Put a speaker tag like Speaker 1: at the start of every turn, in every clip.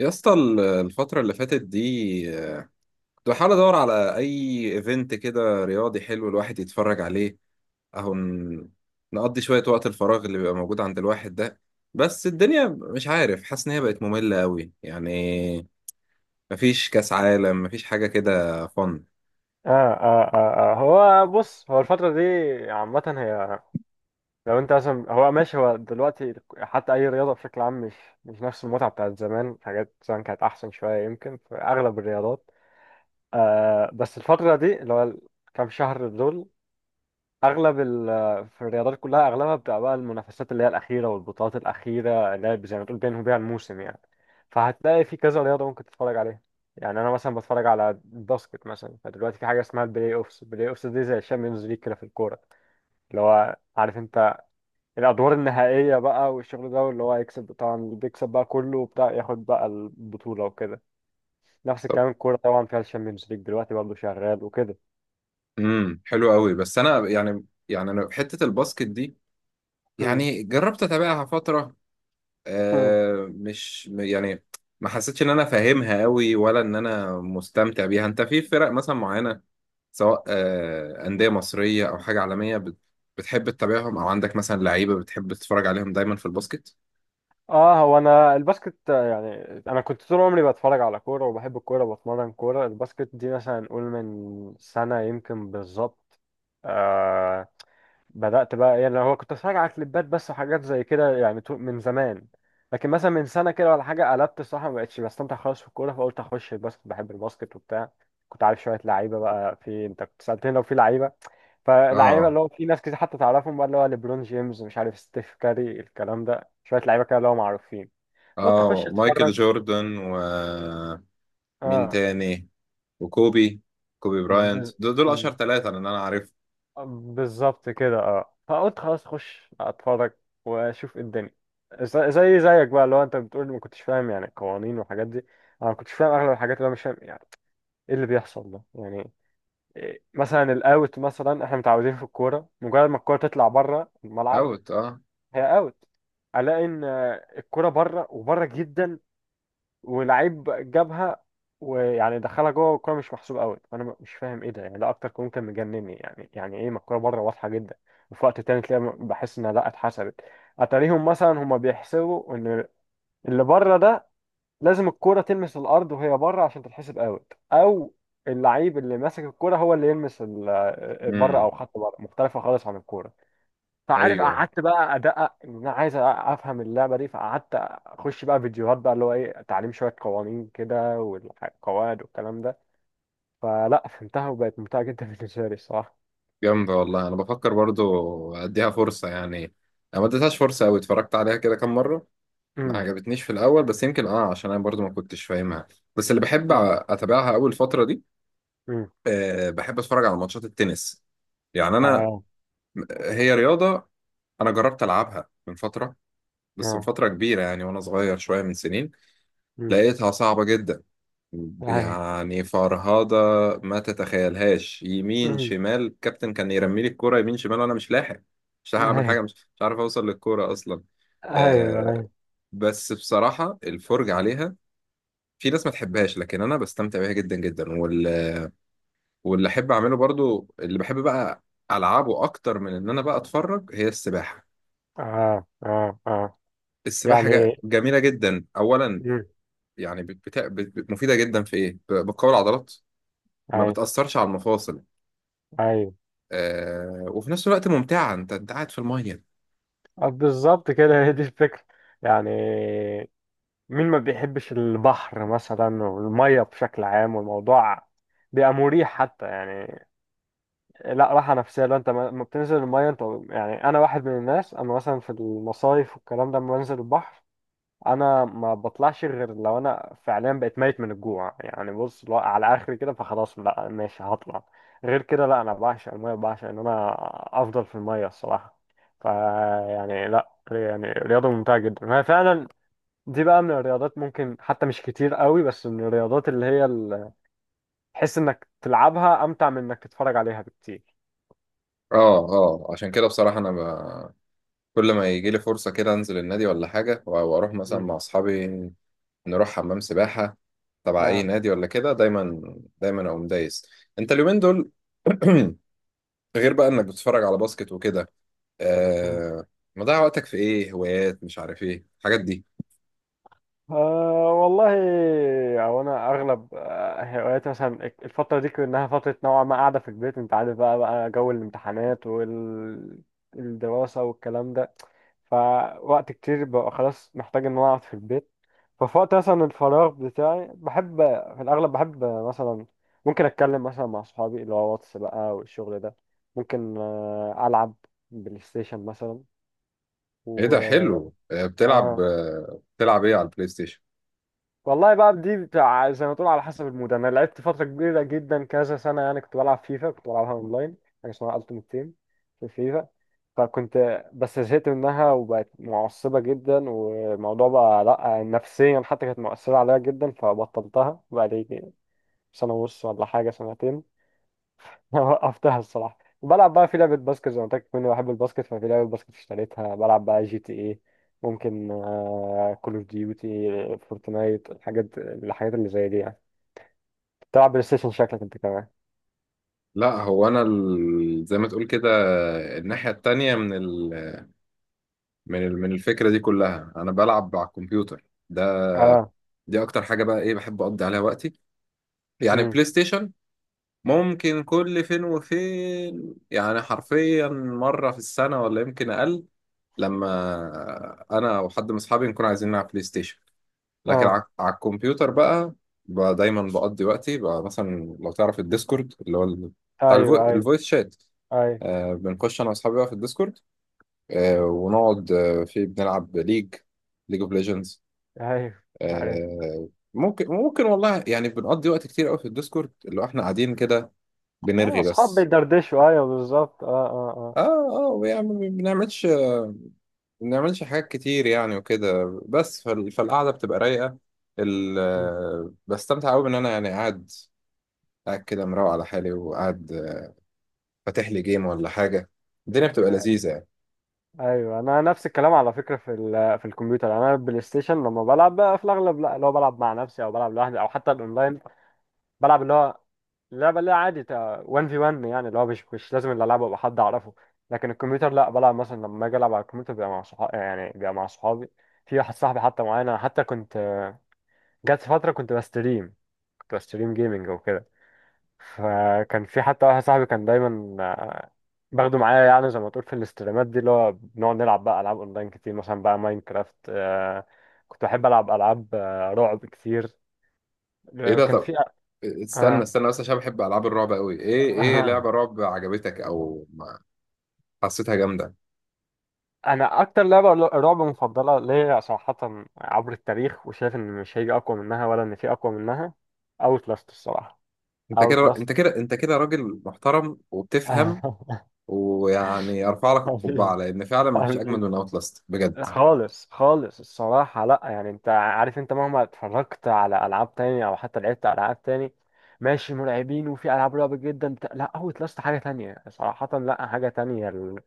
Speaker 1: يا اسطى الفترة اللي فاتت دي، آه، كنت بحاول ادور على اي ايفنت كده رياضي حلو الواحد يتفرج عليه. اهو نقضي شوية وقت الفراغ اللي بيبقى موجود عند الواحد ده. بس الدنيا مش عارف، حاسس ان هي بقت مملة قوي يعني. مفيش كاس عالم، مفيش حاجة كده فن.
Speaker 2: آه, آه, آه, هو بص، هو الفترة دي عامة. هي لو انت مثلا، هو ماشي، هو دلوقتي حتى اي رياضة بشكل عام مش نفس المتعة بتاعت زمان. حاجات زمان كانت احسن شوية يمكن في اغلب الرياضات. آه، بس الفترة دي اللي هو الكام شهر دول، اغلب في الرياضات كلها اغلبها بتبقى بقى المنافسات اللي هي الاخيره والبطولات الاخيره، اللي هي زي ما تقول بينهم بيها الموسم يعني. فهتلاقي في كذا رياضه ممكن تتفرج عليها. يعني انا مثلا بتفرج على الباسكت مثلا، فدلوقتي في حاجه اسمها البلاي اوفس. البلاي اوفس دي زي الشامبيونز ليج كده في الكوره، اللي هو عارف انت، الادوار النهائيه بقى والشغل ده، واللي هو يكسب طبعا، اللي بيكسب بقى كله وبتاع ياخد بقى البطوله وكده. نفس
Speaker 1: طب
Speaker 2: الكلام، الكوره طبعا فيها الشامبيونز ليج دلوقتي برضه شغال وكده.
Speaker 1: حلو قوي، بس انا يعني انا في حتة الباسكت دي يعني جربت اتابعها فترة.
Speaker 2: مم.
Speaker 1: مش يعني ما حسيتش ان انا فاهمها قوي ولا ان انا مستمتع بيها. انت في فرق مثلا معينة، سواء أندية مصرية او حاجة عالمية بتحب تتابعهم، او عندك مثلا لعيبة بتحب تتفرج عليهم دايما في الباسكت؟
Speaker 2: اه هو انا الباسكت، آه، يعني انا كنت طول عمري بتفرج على كوره وبحب الكوره وبتمرن كوره. الباسكت دي مثلا نقول من سنه يمكن بالظبط، آه، بدات بقى. يعني هو كنت اتفرج على كليبات بس وحاجات زي كده يعني من زمان. لكن مثلا من سنه كده ولا حاجه قلبت الصراحه ما بقتش بستمتع خالص في الكوره، فقلت اخش الباسكت. بحب الباسكت وبتاع. كنت عارف شويه لعيبه بقى، في انت كنت سالتني لو في لعيبه، فلعيبه
Speaker 1: اه،
Speaker 2: اللي هو في ناس كتير حتى تعرفهم بقى، اللي هو ليبرون جيمس، مش عارف ستيف كاري، الكلام ده. شويه لعيبه كده اللي هو معروفين. قلت اخش
Speaker 1: اه، مايكل
Speaker 2: اتفرج.
Speaker 1: جوردن ومين
Speaker 2: اه.
Speaker 1: تاني؟ وكوبي، كوبي براينت،
Speaker 2: بز...
Speaker 1: دول دول اشهر ثلاثة اللي انا عارفهم.
Speaker 2: بالظبط كده. اه فقلت خلاص اخش اتفرج واشوف إيه الدنيا. زي زيك بقى، لو انت بتقول ما كنتش فاهم يعني القوانين والحاجات دي. انا ما كنتش فاهم اغلب الحاجات. اللي انا مش فاهم يعني ايه اللي بيحصل ده يعني، إيه مثلا الاوت. مثلا احنا متعودين في الكوره مجرد ما الكوره تطلع بره الملعب
Speaker 1: اوت، اه.
Speaker 2: هي اوت. الاقي ان الكوره بره، وبره جدا، ولعيب جابها ويعني دخلها جوه، والكوره مش محسوب قوي، فانا مش فاهم ايه ده يعني. ده اكتر كون كان مجنني يعني. يعني ايه؟ ما الكوره بره واضحه جدا. وفي وقت تاني تلاقي بحس انها لا اتحسبت. اتاريهم مثلا هما بيحسبوا ان اللي بره ده لازم الكوره تلمس الارض وهي بره عشان تتحسب اوت، او اللعيب اللي ماسك الكوره هو اللي يلمس بره، او
Speaker 1: امم.
Speaker 2: خط بره مختلفه خالص عن الكوره. فعارف
Speaker 1: ايوه
Speaker 2: قعدت بقى ادقق، ان انا عايز افهم اللعبه دي، فقعدت اخش بقى فيديوهات بقى، اللي هو ايه تعليم شويه قوانين كده والقواعد والكلام ده، فلا فهمتها وبقت ممتعه جدا بالنسبه لي الصراحه.
Speaker 1: جامدة والله، أنا بفكر برضو أديها فرصة يعني. أنا ما اديتهاش فرصة أوي، اتفرجت عليها كده كام مرة. ما
Speaker 2: امم.
Speaker 1: عجبتنيش في الأول، بس يمكن عشان أنا برضو ما كنتش فاهمها. بس اللي بحب
Speaker 2: امم.
Speaker 1: أتابعها أول فترة دي،
Speaker 2: امم.
Speaker 1: أه، بحب أتفرج على ماتشات التنس. يعني أنا،
Speaker 2: اه.
Speaker 1: هي رياضة أنا جربت ألعبها من فترة، بس من
Speaker 2: اه.
Speaker 1: فترة كبيرة يعني وأنا صغير شوية من سنين.
Speaker 2: امم.
Speaker 1: لقيتها صعبة جدا
Speaker 2: ايوه.
Speaker 1: يعني، فرهضة ما تتخيلهاش. يمين
Speaker 2: امم.
Speaker 1: شمال الكابتن كان يرمي لي الكورة يمين شمال وانا مش لاحق، اعمل
Speaker 2: ايوه،
Speaker 1: حاجة، مش عارف اوصل للكورة اصلا.
Speaker 2: ايوه،
Speaker 1: آه
Speaker 2: ايوه.
Speaker 1: بس بصراحة الفرجة عليها، في ناس ما تحبهاش لكن انا بستمتع بيها جدا جدا. واللي احب اعمله برضو، اللي بحب بقى العبه اكتر من ان انا بقى اتفرج، هي السباحة.
Speaker 2: اه، اه، اه،
Speaker 1: السباحة
Speaker 2: يعني
Speaker 1: جميلة جدا اولا
Speaker 2: امم.
Speaker 1: يعني، مفيدة جدا في ايه، بتقوي العضلات، ما
Speaker 2: ايوه،
Speaker 1: بتأثرش على المفاصل.
Speaker 2: ايوه.
Speaker 1: وفي نفس الوقت ممتعة، انت قاعد في المية.
Speaker 2: آه، بالظبط كده هي دي الفكره. يعني مين ما بيحبش البحر مثلا والمية بشكل عام؟ والموضوع بيبقى مريح حتى يعني، لا راحة نفسية لو انت ما بتنزل المية انت. يعني انا واحد من الناس، انا مثلا في المصايف والكلام ده لما بنزل البحر انا ما بطلعش، غير لو انا فعليا بقيت ميت من الجوع، يعني بص لو على اخري كده، فخلاص لا ماشي هطلع. غير كده لا، انا بعشق المية، بعشق ان انا افضل في المية الصراحة. فيعني لا، يعني رياضة ممتعة جدا هي فعلا. دي بقى من الرياضات ممكن حتى مش كتير قوي، بس من الرياضات اللي هي تحس انك تلعبها امتع من انك تتفرج عليها بكتير.
Speaker 1: اه، اه، عشان كده بصراحة انا، كل ما يجي لي فرصة كده انزل النادي ولا حاجة واروح مثلا
Speaker 2: مم.
Speaker 1: مع اصحابي، نروح حمام سباحة تبع اي
Speaker 2: آه.
Speaker 1: نادي ولا كده، دايما دايما اقوم دايس. انت اليومين دول غير بقى انك بتتفرج على باسكت وكده،
Speaker 2: مم.
Speaker 1: آه... مضيع وقتك في ايه؟ هوايات مش عارف ايه الحاجات دي؟
Speaker 2: آه والله، او انا اغلب، آه، هواياتي مثلا الفتره دي كانها فتره نوعا ما قاعده في البيت، انت عارف بقى جو الامتحانات والدراسه والكلام ده، فوقت كتير ببقى خلاص محتاج ان انا اقعد في البيت. ففي وقت مثلا الفراغ بتاعي بحب، في الاغلب بحب مثلا، ممكن اتكلم مثلا مع صحابي اللي هو واتس بقى والشغل ده، ممكن آه، العب بلاي ستيشن مثلا،
Speaker 1: ايه ده؟
Speaker 2: و...
Speaker 1: حلو. بتلعب،
Speaker 2: آه.
Speaker 1: بتلعب ايه على البلاي ستيشن؟
Speaker 2: والله بقى دي بتاع زي ما تقول على حسب المود. انا لعبت فتره كبيره جدا كذا سنه يعني، كنت بلعب فيفا، كنت بلعبها اونلاين حاجه اسمها التيمت تيم في فيفا. فكنت بس زهقت منها وبقت معصبة جدا والموضوع بقى لأ، نفسيا حتى كانت مؤثرة عليا جدا، فبطلتها بقالي سنة ونص ولا حاجة، سنتين. وقفتها الصراحة، وبلعب بقى في لعبة باسكت زي ما قلت لك، كنت بحب الباسكت ففي لعبة باسكت اشتريتها. بلعب بقى جي تي ايه، ممكن كول اوف ديوتي، فورتنايت، الحاجات اللي زي دي يعني. تلعب بلاي ستيشن شكلك انت كمان.
Speaker 1: لا هو انا، زي ما تقول كده، الناحيه التانية من الفكره دي كلها، انا بلعب على الكمبيوتر ده.
Speaker 2: اه.
Speaker 1: دي اكتر حاجه بقى ايه بحب اقضي عليها وقتي. يعني
Speaker 2: امم.
Speaker 1: بلاي ستيشن ممكن كل فين وفين، يعني حرفيا مره في السنه ولا يمكن اقل، لما انا وحد من اصحابي نكون عايزين نلعب بلاي ستيشن. لكن
Speaker 2: اه،
Speaker 1: على الكمبيوتر بقى، بقى دايما بقضي وقتي بقى، مثلا لو تعرف الديسكورد اللي هو بتاع
Speaker 2: ايوه، ايوه،
Speaker 1: الفويس شات،
Speaker 2: ايوه،
Speaker 1: بنخش انا واصحابي بقى في الديسكورد، ونقعد، في بنلعب ليج، ليج اوف ليجندز.
Speaker 2: ايوه،
Speaker 1: ممكن، ممكن والله يعني، بنقضي وقت كتير قوي في الديسكورد، اللي هو احنا قاعدين كده
Speaker 2: اه،
Speaker 1: بنرغي
Speaker 2: اصحاب
Speaker 1: بس.
Speaker 2: بيدردشوا، ايوه بالظبط، اه، اه، اه.
Speaker 1: اه، اه، يعني ما بنعملش حاجات كتير يعني وكده. بس فالقعدة بتبقى رايقة،
Speaker 2: م.
Speaker 1: بستمتع قوي ان انا يعني قاعد، قاعد كده مروق على حالي، وقاعد، فاتح لي جيم ولا حاجة، الدنيا بتبقى
Speaker 2: آه،
Speaker 1: لذيذة يعني.
Speaker 2: ايوه. انا نفس الكلام على فكره في في الكمبيوتر. يعني انا البلاي ستيشن لما بلعب بقى في الاغلب، لا اللي هو بلعب مع نفسي او بلعب لوحدي، او حتى الاونلاين بلعب اللي هو اللعبه اللي هي عادي 1 في 1، يعني اللي هو مش لازم اللي العبه ابقى حد اعرفه. لكن الكمبيوتر لا بلعب مثلا، لما اجي العب على الكمبيوتر بيبقى مع صحابي، يعني بيبقى مع صحابي. في واحد صاحبي حتى معانا، حتى كنت جت فتره كنت بستريم، كنت بستريم جيمنج وكده، فكان في حتى واحد صاحبي كان دايما باخده معايا، يعني زي ما تقول في الاستريمات دي، اللي هو بنقعد نلعب بقى العاب اونلاين كتير، مثلا بقى ماينكرافت، آه، كنت بحب العب العاب، آه، رعب كتير،
Speaker 1: ايه
Speaker 2: آه،
Speaker 1: ده؟
Speaker 2: كان
Speaker 1: طب
Speaker 2: في.
Speaker 1: استنى
Speaker 2: آه.
Speaker 1: استنى بس، عشان بحب العاب الرعب قوي. ايه
Speaker 2: آه.
Speaker 1: لعبه رعب عجبتك او حسيتها جامده؟
Speaker 2: انا اكتر لعبه رعب مفضله ليا صراحه عبر التاريخ، وشايف ان مش هيجي اقوى منها ولا ان في اقوى منها، اوت لاست الصراحه.
Speaker 1: انت
Speaker 2: اوت
Speaker 1: كده،
Speaker 2: لاست.
Speaker 1: انت كده، انت كده راجل محترم وبتفهم، ويعني ارفع لك القبعه لان فعلا ما فيش اجمل
Speaker 2: حبيبي.
Speaker 1: من اوت لاست بجد.
Speaker 2: خالص، خالص الصراحة لا، يعني انت عارف، انت مهما اتفرجت على ألعاب تانية أو حتى لعبت ألعاب تاني، ماشي مرعبين وفي ألعاب رعب جدا بتاع، لا هو لاست حاجة تانية صراحة، لا حاجة تانية. ال...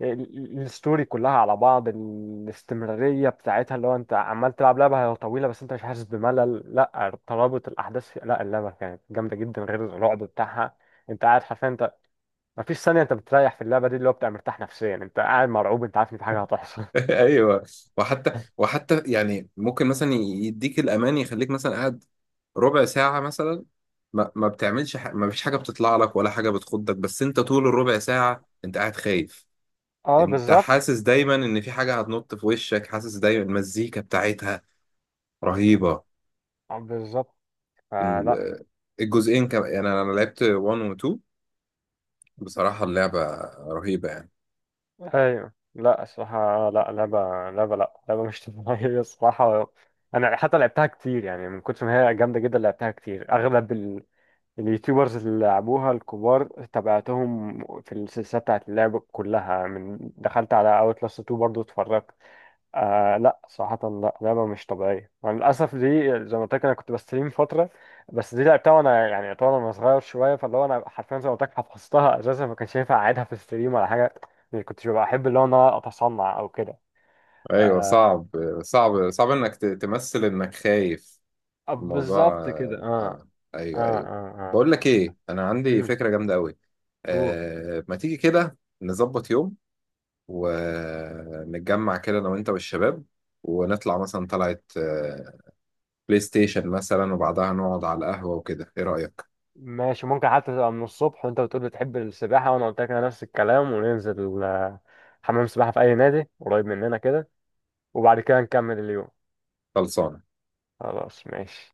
Speaker 2: ال- الستوري كلها على بعض، الاستمرارية بتاعتها اللي هو انت عمال تلعب لعبة هي طويلة بس انت مش حاسس بملل، لا ترابط الأحداث في... لا اللعبة كانت جامدة جدا غير الرعب بتاعها. انت قاعد حرفيا، انت مفيش ثانية انت بتريح في اللعبة دي، اللي هو بتبقى مرتاح نفسيا، انت قاعد مرعوب، انت عارف ان في حاجة هتحصل.
Speaker 1: ايوه، وحتى يعني ممكن مثلا يديك الامان، يخليك مثلا قاعد ربع ساعه مثلا، ما بتعملش، ما فيش حاجه بتطلع لك ولا حاجه بتخضك، بس انت طول الربع ساعه انت قاعد خايف.
Speaker 2: اه
Speaker 1: انت
Speaker 2: بالظبط.
Speaker 1: حاسس دايما ان في حاجة هتنط في وشك، حاسس دايما المزيكا بتاعتها رهيبة.
Speaker 2: بالظبط. فلا.
Speaker 1: ال- الجزئين كمان، يعني أنا لعبت 1 و 2، بصراحة اللعبة رهيبة يعني.
Speaker 2: ايوه، لا الصراحه، لا لعبه لا لعبه مش طبيعيه الصراحه. انا حتى لعبتها كتير، يعني من كتر ما هي جامده جدا لعبتها كتير. اغلب اليوتيوبرز اللي لعبوها الكبار تابعتهم في السلسله بتاعت اللعب كلها. من دخلت على اوتلاست 2 برضو اتفرجت. آه لا صراحة لا لعبة مش طبيعية مع للأسف دي. زي ما قلت لك أنا كنت بستريم فترة، بس دي لعبتها وأنا يعني يعتبر أنا صغير شوية، فاللي هو أنا حرفيا زي ما قلت لك حفظتها، أساسا ما كانش ينفع أعيدها في الستريم ولا حاجة، يعني كنتش ببقى أحب اللي هو إن أنا أتصنع أو كده.
Speaker 1: ايوه
Speaker 2: آه.
Speaker 1: صعب، صعب، صعب انك تمثل انك خايف.
Speaker 2: آه،
Speaker 1: الموضوع
Speaker 2: بالظبط كده أه. أه.
Speaker 1: ايوه، ايوه.
Speaker 2: أه. أه.
Speaker 1: بقول لك ايه، انا عندي
Speaker 2: أمم.
Speaker 1: فكرة جامدة قوي،
Speaker 2: أوه.
Speaker 1: ما تيجي كده نظبط يوم، ونتجمع كده انا وانت والشباب، ونطلع مثلا، طلعت، بلاي ستيشن مثلا، وبعدها نقعد على القهوة وكده، ايه رأيك؟
Speaker 2: ماشي ممكن حتى تبقى من الصبح، وأنت بتقول بتحب السباحة وأنا قلت لك أنا نفس الكلام، وننزل آه، حمام سباحة في أي نادي قريب مننا كده، وبعد كده نكمل اليوم.
Speaker 1: خلصانة.
Speaker 2: خلاص ماشي.